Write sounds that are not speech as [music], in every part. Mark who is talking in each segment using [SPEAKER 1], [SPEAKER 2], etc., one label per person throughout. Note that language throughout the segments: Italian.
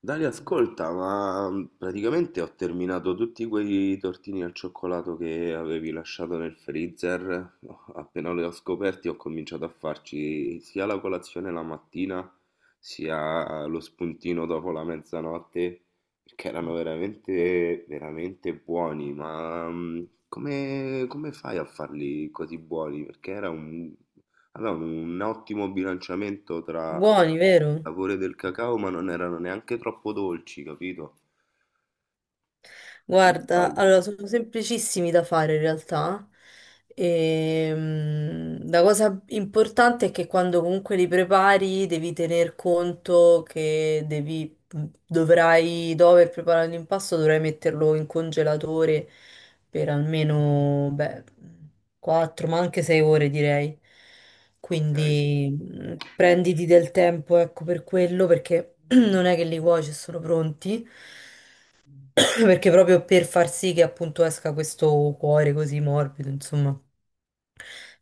[SPEAKER 1] Dani, ascolta, ma praticamente ho terminato tutti quei tortini al cioccolato che avevi lasciato nel freezer. No, appena li ho scoperti, ho cominciato a farci sia la colazione la mattina, sia lo spuntino dopo la mezzanotte, perché erano veramente, veramente buoni. Ma come fai a farli così buoni? Perché era un ottimo bilanciamento tra
[SPEAKER 2] Buoni,
[SPEAKER 1] il
[SPEAKER 2] vero?
[SPEAKER 1] sapore del cacao, ma non erano neanche troppo dolci, capito? Come
[SPEAKER 2] Guarda,
[SPEAKER 1] fai?
[SPEAKER 2] allora sono semplicissimi da fare in realtà. La cosa importante è che quando comunque li prepari devi tener conto che dovrai, dopo aver preparato l'impasto, dovrai metterlo in congelatore per almeno, beh, 4, ma anche 6 ore direi.
[SPEAKER 1] Ok.
[SPEAKER 2] Quindi prenditi del tempo, ecco, per quello, perché [clears throat] non è che li cuoci e sono pronti. [coughs] Perché proprio per far sì che appunto esca questo cuore così morbido, insomma,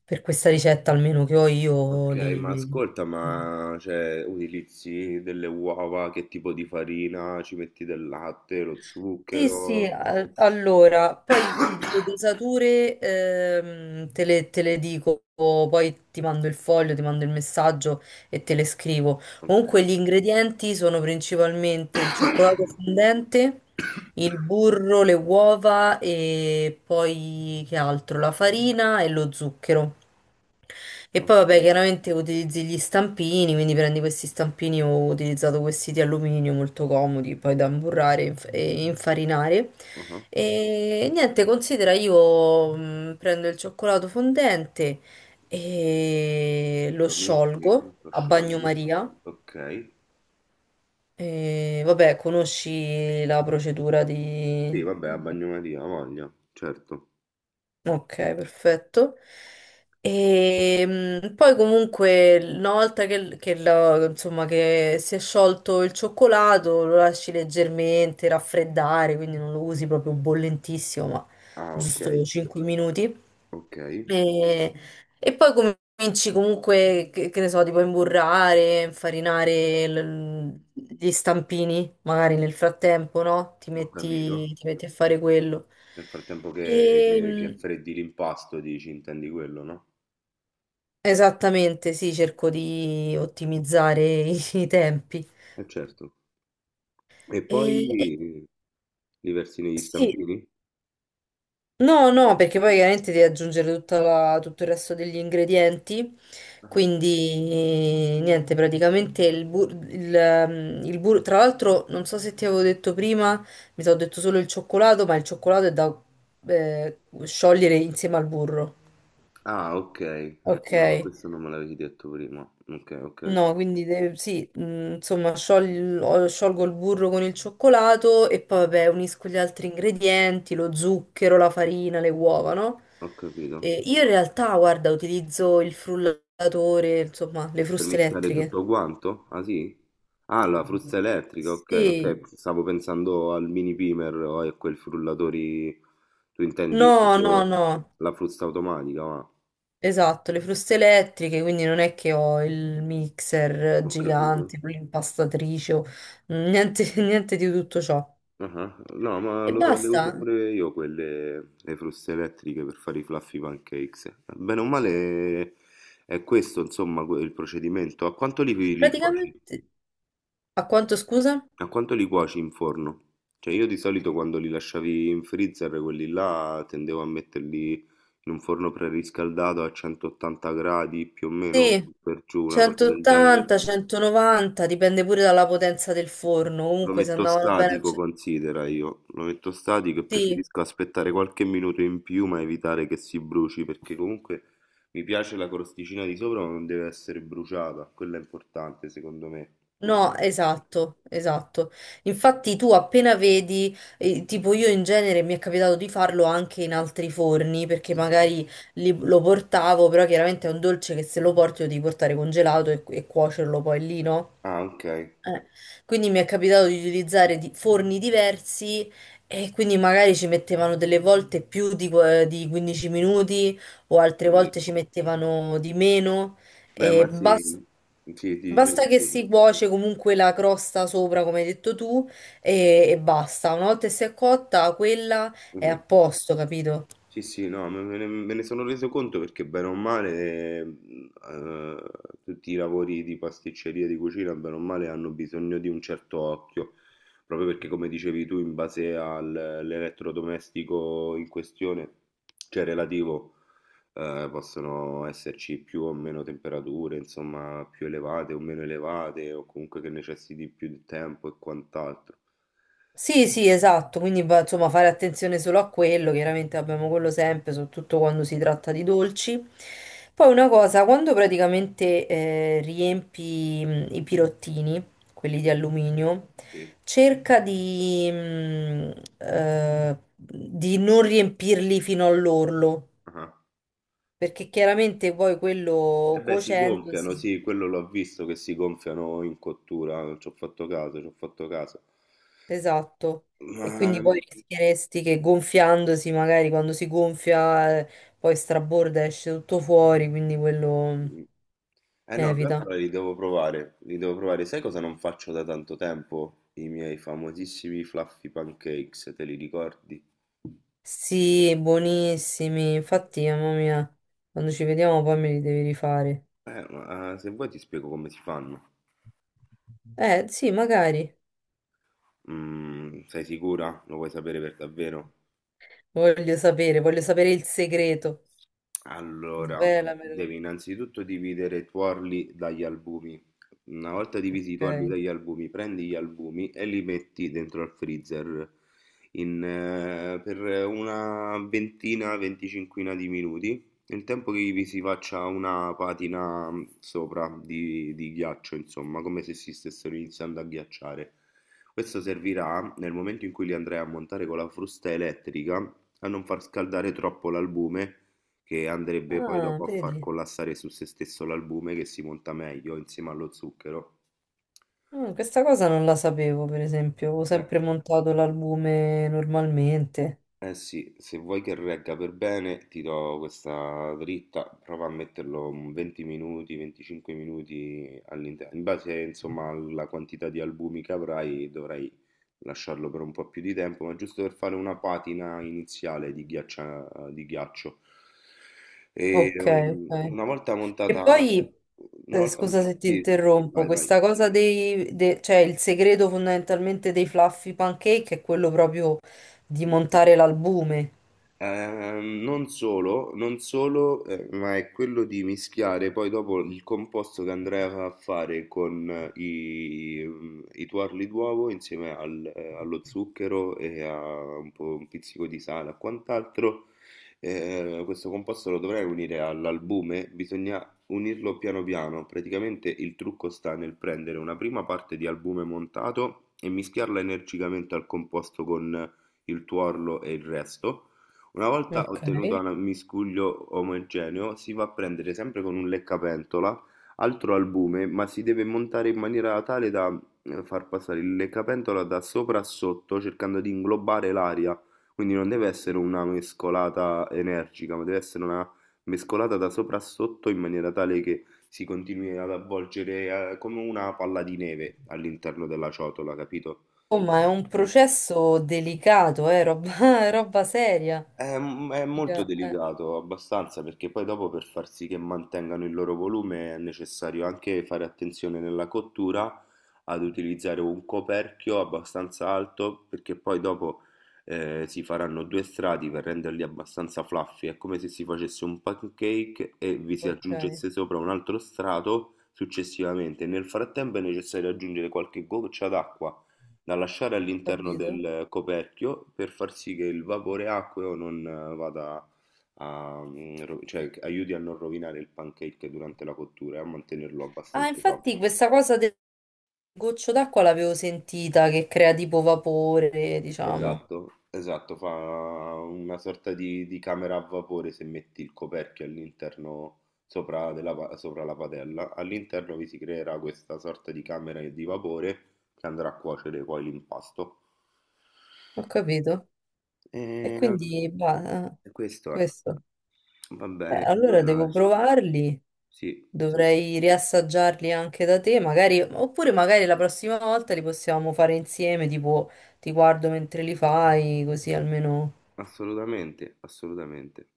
[SPEAKER 2] per questa ricetta almeno che ho io,
[SPEAKER 1] Ok, ma
[SPEAKER 2] li...
[SPEAKER 1] ascolta, ma cioè, utilizzi delle uova, che tipo di farina? Ci metti del latte, lo
[SPEAKER 2] Sì, sì,
[SPEAKER 1] zucchero?
[SPEAKER 2] allora, poi le dosature te le dico, poi ti mando il foglio, ti mando il messaggio e te le scrivo.
[SPEAKER 1] Ok,
[SPEAKER 2] Comunque gli ingredienti sono principalmente il cioccolato fondente, il burro, le uova e poi che altro? La farina e lo zucchero. E poi
[SPEAKER 1] ok.
[SPEAKER 2] vabbè, chiaramente utilizzi gli stampini, quindi prendi questi stampini, ho utilizzato questi di alluminio molto comodi, poi da imburrare e e infarinare.
[SPEAKER 1] Uh-huh.
[SPEAKER 2] E niente, considera io prendo il cioccolato fondente e lo
[SPEAKER 1] Lo metti e
[SPEAKER 2] sciolgo
[SPEAKER 1] come lo
[SPEAKER 2] a
[SPEAKER 1] sciogli?
[SPEAKER 2] bagnomaria.
[SPEAKER 1] Ok.
[SPEAKER 2] E vabbè, conosci la procedura
[SPEAKER 1] Sì,
[SPEAKER 2] di...
[SPEAKER 1] vabbè, a bagnomaria, ha voglia, certo.
[SPEAKER 2] Ok, perfetto. E poi comunque una volta che, insomma, che si è sciolto il cioccolato lo lasci leggermente raffreddare, quindi non lo usi proprio bollentissimo, ma
[SPEAKER 1] Ah, ok,
[SPEAKER 2] giusto 5 minuti.
[SPEAKER 1] ok,
[SPEAKER 2] E, e poi cominci comunque, che ne so, tipo a imburrare, infarinare gli stampini, magari nel frattempo, no? Ti
[SPEAKER 1] ho capito.
[SPEAKER 2] metti, ti metti a fare quello.
[SPEAKER 1] Nel frattempo che
[SPEAKER 2] E,
[SPEAKER 1] freddi l'impasto, dici, intendi quello, no?
[SPEAKER 2] Esattamente, sì, cerco di ottimizzare i tempi.
[SPEAKER 1] Eh certo. E
[SPEAKER 2] E, e-
[SPEAKER 1] poi li versi negli
[SPEAKER 2] sì,
[SPEAKER 1] stampini?
[SPEAKER 2] no, no, perché poi chiaramente devi aggiungere tutto il resto degli ingredienti,
[SPEAKER 1] Ah,
[SPEAKER 2] quindi niente, praticamente il burro, tra l'altro non so se ti avevo detto prima, mi sono detto solo il cioccolato, ma il cioccolato è da sciogliere insieme al burro.
[SPEAKER 1] ah, ok.
[SPEAKER 2] Ok.
[SPEAKER 1] No, questo non me l'avevi detto prima. Ok, ok,
[SPEAKER 2] No, quindi sì, insomma, sciolgo il burro con il cioccolato e poi vabbè, unisco gli altri ingredienti, lo zucchero, la farina, le uova, no?
[SPEAKER 1] ho capito.
[SPEAKER 2] E io in realtà, guarda, utilizzo il frullatore, insomma, le
[SPEAKER 1] Per
[SPEAKER 2] fruste
[SPEAKER 1] mischiare
[SPEAKER 2] elettriche.
[SPEAKER 1] tutto quanto? Ah, sì? Ah, la frusta elettrica, ok, ok.
[SPEAKER 2] Sì.
[SPEAKER 1] Stavo pensando al mini pimer o a quel frullatori... Tu intendi
[SPEAKER 2] No, no,
[SPEAKER 1] proprio
[SPEAKER 2] no.
[SPEAKER 1] la frusta automatica, ma...
[SPEAKER 2] Esatto, le fruste elettriche, quindi non è che ho il mixer
[SPEAKER 1] Ho capito.
[SPEAKER 2] gigante, l'impastatrice, niente, [laughs] niente di tutto ciò.
[SPEAKER 1] Ah, no, ma
[SPEAKER 2] E
[SPEAKER 1] le
[SPEAKER 2] basta.
[SPEAKER 1] uso pure io quelle, le fruste elettriche per fare i fluffy pancakes. Bene o male è questo, insomma, il procedimento. A quanto li cuoci?
[SPEAKER 2] Praticamente. A quanto scusa?
[SPEAKER 1] A quanto li cuoci in forno? Cioè io di solito quando li lasciavi in freezer, quelli là, tendevo a metterli in un forno preriscaldato a 180 gradi più o meno,
[SPEAKER 2] Sì,
[SPEAKER 1] per giù, una cosa del genere.
[SPEAKER 2] 180, 190, dipende pure dalla potenza del forno.
[SPEAKER 1] Lo
[SPEAKER 2] Comunque se
[SPEAKER 1] metto
[SPEAKER 2] andavano bene a
[SPEAKER 1] statico,
[SPEAKER 2] ce-
[SPEAKER 1] considera io. Lo metto statico e
[SPEAKER 2] Sì,
[SPEAKER 1] preferisco aspettare qualche minuto in più, ma evitare che si bruci, perché comunque mi piace la crosticina di sopra, ma non deve essere bruciata. Quello è importante, secondo me. Pure.
[SPEAKER 2] no, esatto, esatto. Infatti tu appena vedi, tipo io in genere mi è capitato di farlo anche in altri forni, perché
[SPEAKER 1] Sì.
[SPEAKER 2] magari lo portavo, però chiaramente è un dolce che se lo porti lo devi portare congelato e cuocerlo poi lì, no?
[SPEAKER 1] Ah, ok,
[SPEAKER 2] Eh, Quindi mi è capitato di utilizzare forni diversi e quindi magari ci mettevano delle volte più di 15 minuti o
[SPEAKER 1] ho
[SPEAKER 2] altre volte
[SPEAKER 1] capito.
[SPEAKER 2] ci mettevano di meno.
[SPEAKER 1] Beh,
[SPEAKER 2] E
[SPEAKER 1] ma sì, sì, ti
[SPEAKER 2] basta
[SPEAKER 1] dicevo
[SPEAKER 2] che
[SPEAKER 1] pure.
[SPEAKER 2] si cuoce comunque la crosta sopra, come hai detto tu, e basta. Una volta che si è cotta, quella è a posto, capito?
[SPEAKER 1] Sì, sì, no, me ne sono reso conto perché bene o male tutti i lavori di pasticceria, di cucina, bene o male hanno bisogno di un certo occhio, proprio perché come dicevi tu, in base all'elettrodomestico in questione, cioè relativo, possono esserci più o meno temperature, insomma, più elevate o meno elevate, o comunque che necessiti più di tempo e quant'altro.
[SPEAKER 2] Sì, sì, esatto, quindi insomma fare attenzione solo a quello, chiaramente abbiamo quello sempre, soprattutto quando si
[SPEAKER 1] Ah,
[SPEAKER 2] tratta di dolci. Poi una cosa, quando praticamente riempi i pirottini, quelli di
[SPEAKER 1] sì,
[SPEAKER 2] alluminio,
[SPEAKER 1] sì.
[SPEAKER 2] cerca di non riempirli fino all'orlo,
[SPEAKER 1] Ah.
[SPEAKER 2] perché chiaramente poi
[SPEAKER 1] E
[SPEAKER 2] quello
[SPEAKER 1] beh, si gonfiano,
[SPEAKER 2] cuocendosi.
[SPEAKER 1] sì, quello l'ho visto che si gonfiano in cottura, ci ho fatto caso, ci ho fatto caso.
[SPEAKER 2] Esatto, e
[SPEAKER 1] Ma...
[SPEAKER 2] quindi poi rischieresti che gonfiandosi, magari quando si gonfia, poi straborda e esce tutto fuori, quindi quello
[SPEAKER 1] Eh no,
[SPEAKER 2] evita.
[SPEAKER 1] allora li devo provare, li devo provare. Sai cosa non faccio da tanto tempo? I miei famosissimi fluffy pancakes, te li ricordi?
[SPEAKER 2] Sì, buonissimi. Infatti, mamma mia, quando ci vediamo poi me li devi rifare.
[SPEAKER 1] Ma se vuoi ti spiego come si fanno.
[SPEAKER 2] Sì, magari.
[SPEAKER 1] Mm, sei sicura? Lo vuoi sapere per davvero?
[SPEAKER 2] Voglio sapere il segreto.
[SPEAKER 1] Allora,
[SPEAKER 2] Svelamelo.
[SPEAKER 1] devi innanzitutto dividere i tuorli dagli albumi. Una volta divisi i tuorli
[SPEAKER 2] Ok.
[SPEAKER 1] dagli albumi, prendi gli albumi e li metti dentro al freezer in, per una ventina, venticinquina di minuti, nel tempo che vi si faccia una patina sopra di ghiaccio, insomma, come se si stessero iniziando a ghiacciare. Questo servirà nel momento in cui li andrai a montare con la frusta elettrica a non far scaldare troppo l'albume che andrebbe poi
[SPEAKER 2] Ah,
[SPEAKER 1] dopo a far
[SPEAKER 2] vedi.
[SPEAKER 1] collassare su se stesso l'albume che si monta meglio insieme allo zucchero.
[SPEAKER 2] Questa cosa non la sapevo, per esempio. Ho
[SPEAKER 1] Eh.
[SPEAKER 2] sempre montato l'albume normalmente.
[SPEAKER 1] Eh sì, se vuoi che regga per bene, ti do questa dritta, prova a metterlo un 20 minuti, 25 minuti all'interno. In base, insomma, alla quantità di albumi che avrai, dovrai lasciarlo per un po' più di tempo, ma giusto per fare una patina iniziale di di ghiaccio. E
[SPEAKER 2] Ok, ok.
[SPEAKER 1] una volta
[SPEAKER 2] E
[SPEAKER 1] montata,
[SPEAKER 2] poi,
[SPEAKER 1] una volta,
[SPEAKER 2] scusa se ti
[SPEAKER 1] sì,
[SPEAKER 2] interrompo,
[SPEAKER 1] vai, vai.
[SPEAKER 2] questa cosa dei, cioè il segreto fondamentalmente dei fluffy pancake è quello proprio di montare l'albume.
[SPEAKER 1] Non solo, non solo, ma è quello di mischiare poi dopo il composto che andrai a fare con i tuorli d'uovo insieme allo zucchero e a un po' un pizzico di sale e quant'altro. Questo composto lo dovrai unire all'albume, bisogna unirlo piano piano. Praticamente il trucco sta nel prendere una prima parte di albume montato e mischiarla energicamente al composto con il tuorlo e il resto. Una volta
[SPEAKER 2] Ok.
[SPEAKER 1] ottenuto un miscuglio omogeneo, si va a prendere sempre con un leccapentola altro albume, ma si deve montare in maniera tale da far passare il leccapentola da sopra a sotto, cercando di inglobare l'aria. Quindi non deve essere una mescolata energica, ma deve essere una mescolata da sopra a sotto in maniera tale che si continui ad avvolgere come una palla di neve all'interno della ciotola, capito?
[SPEAKER 2] Oh, ma è un processo delicato, roba, [laughs] è roba seria.
[SPEAKER 1] È, è molto
[SPEAKER 2] Mica- eh,
[SPEAKER 1] delicato, abbastanza, perché poi dopo per far sì che mantengano il loro volume è necessario anche fare attenzione nella cottura ad utilizzare un coperchio abbastanza alto, perché poi dopo si faranno due strati per renderli abbastanza fluffy. È come se si facesse un pancake e vi si
[SPEAKER 2] ok,
[SPEAKER 1] aggiungesse sopra un altro strato successivamente. Nel frattempo è necessario aggiungere qualche goccia d'acqua da lasciare all'interno
[SPEAKER 2] capito?
[SPEAKER 1] del coperchio per far sì che il vapore acqueo non vada a, cioè che aiuti a non rovinare il pancake durante la cottura e a mantenerlo
[SPEAKER 2] Ah,
[SPEAKER 1] abbastanza
[SPEAKER 2] infatti
[SPEAKER 1] sopido.
[SPEAKER 2] questa cosa del goccio d'acqua l'avevo sentita che crea tipo vapore, diciamo.
[SPEAKER 1] Esatto, esatto, fa una sorta di camera a vapore se metti il coperchio all'interno sopra, sopra la padella. All'interno vi si creerà questa sorta di camera di vapore che andrà a cuocere poi l'impasto.
[SPEAKER 2] Ho capito. E
[SPEAKER 1] Ehm,
[SPEAKER 2] quindi, bah,
[SPEAKER 1] E questo è.
[SPEAKER 2] questo.
[SPEAKER 1] Va
[SPEAKER 2] Beh,
[SPEAKER 1] bene,
[SPEAKER 2] allora
[SPEAKER 1] allora
[SPEAKER 2] devo provarli,
[SPEAKER 1] sì, sì,
[SPEAKER 2] dovrei riassaggiarli anche da te, magari, oppure magari la prossima volta li possiamo fare insieme, tipo ti guardo mentre li fai, così almeno...
[SPEAKER 1] assolutamente, assolutamente.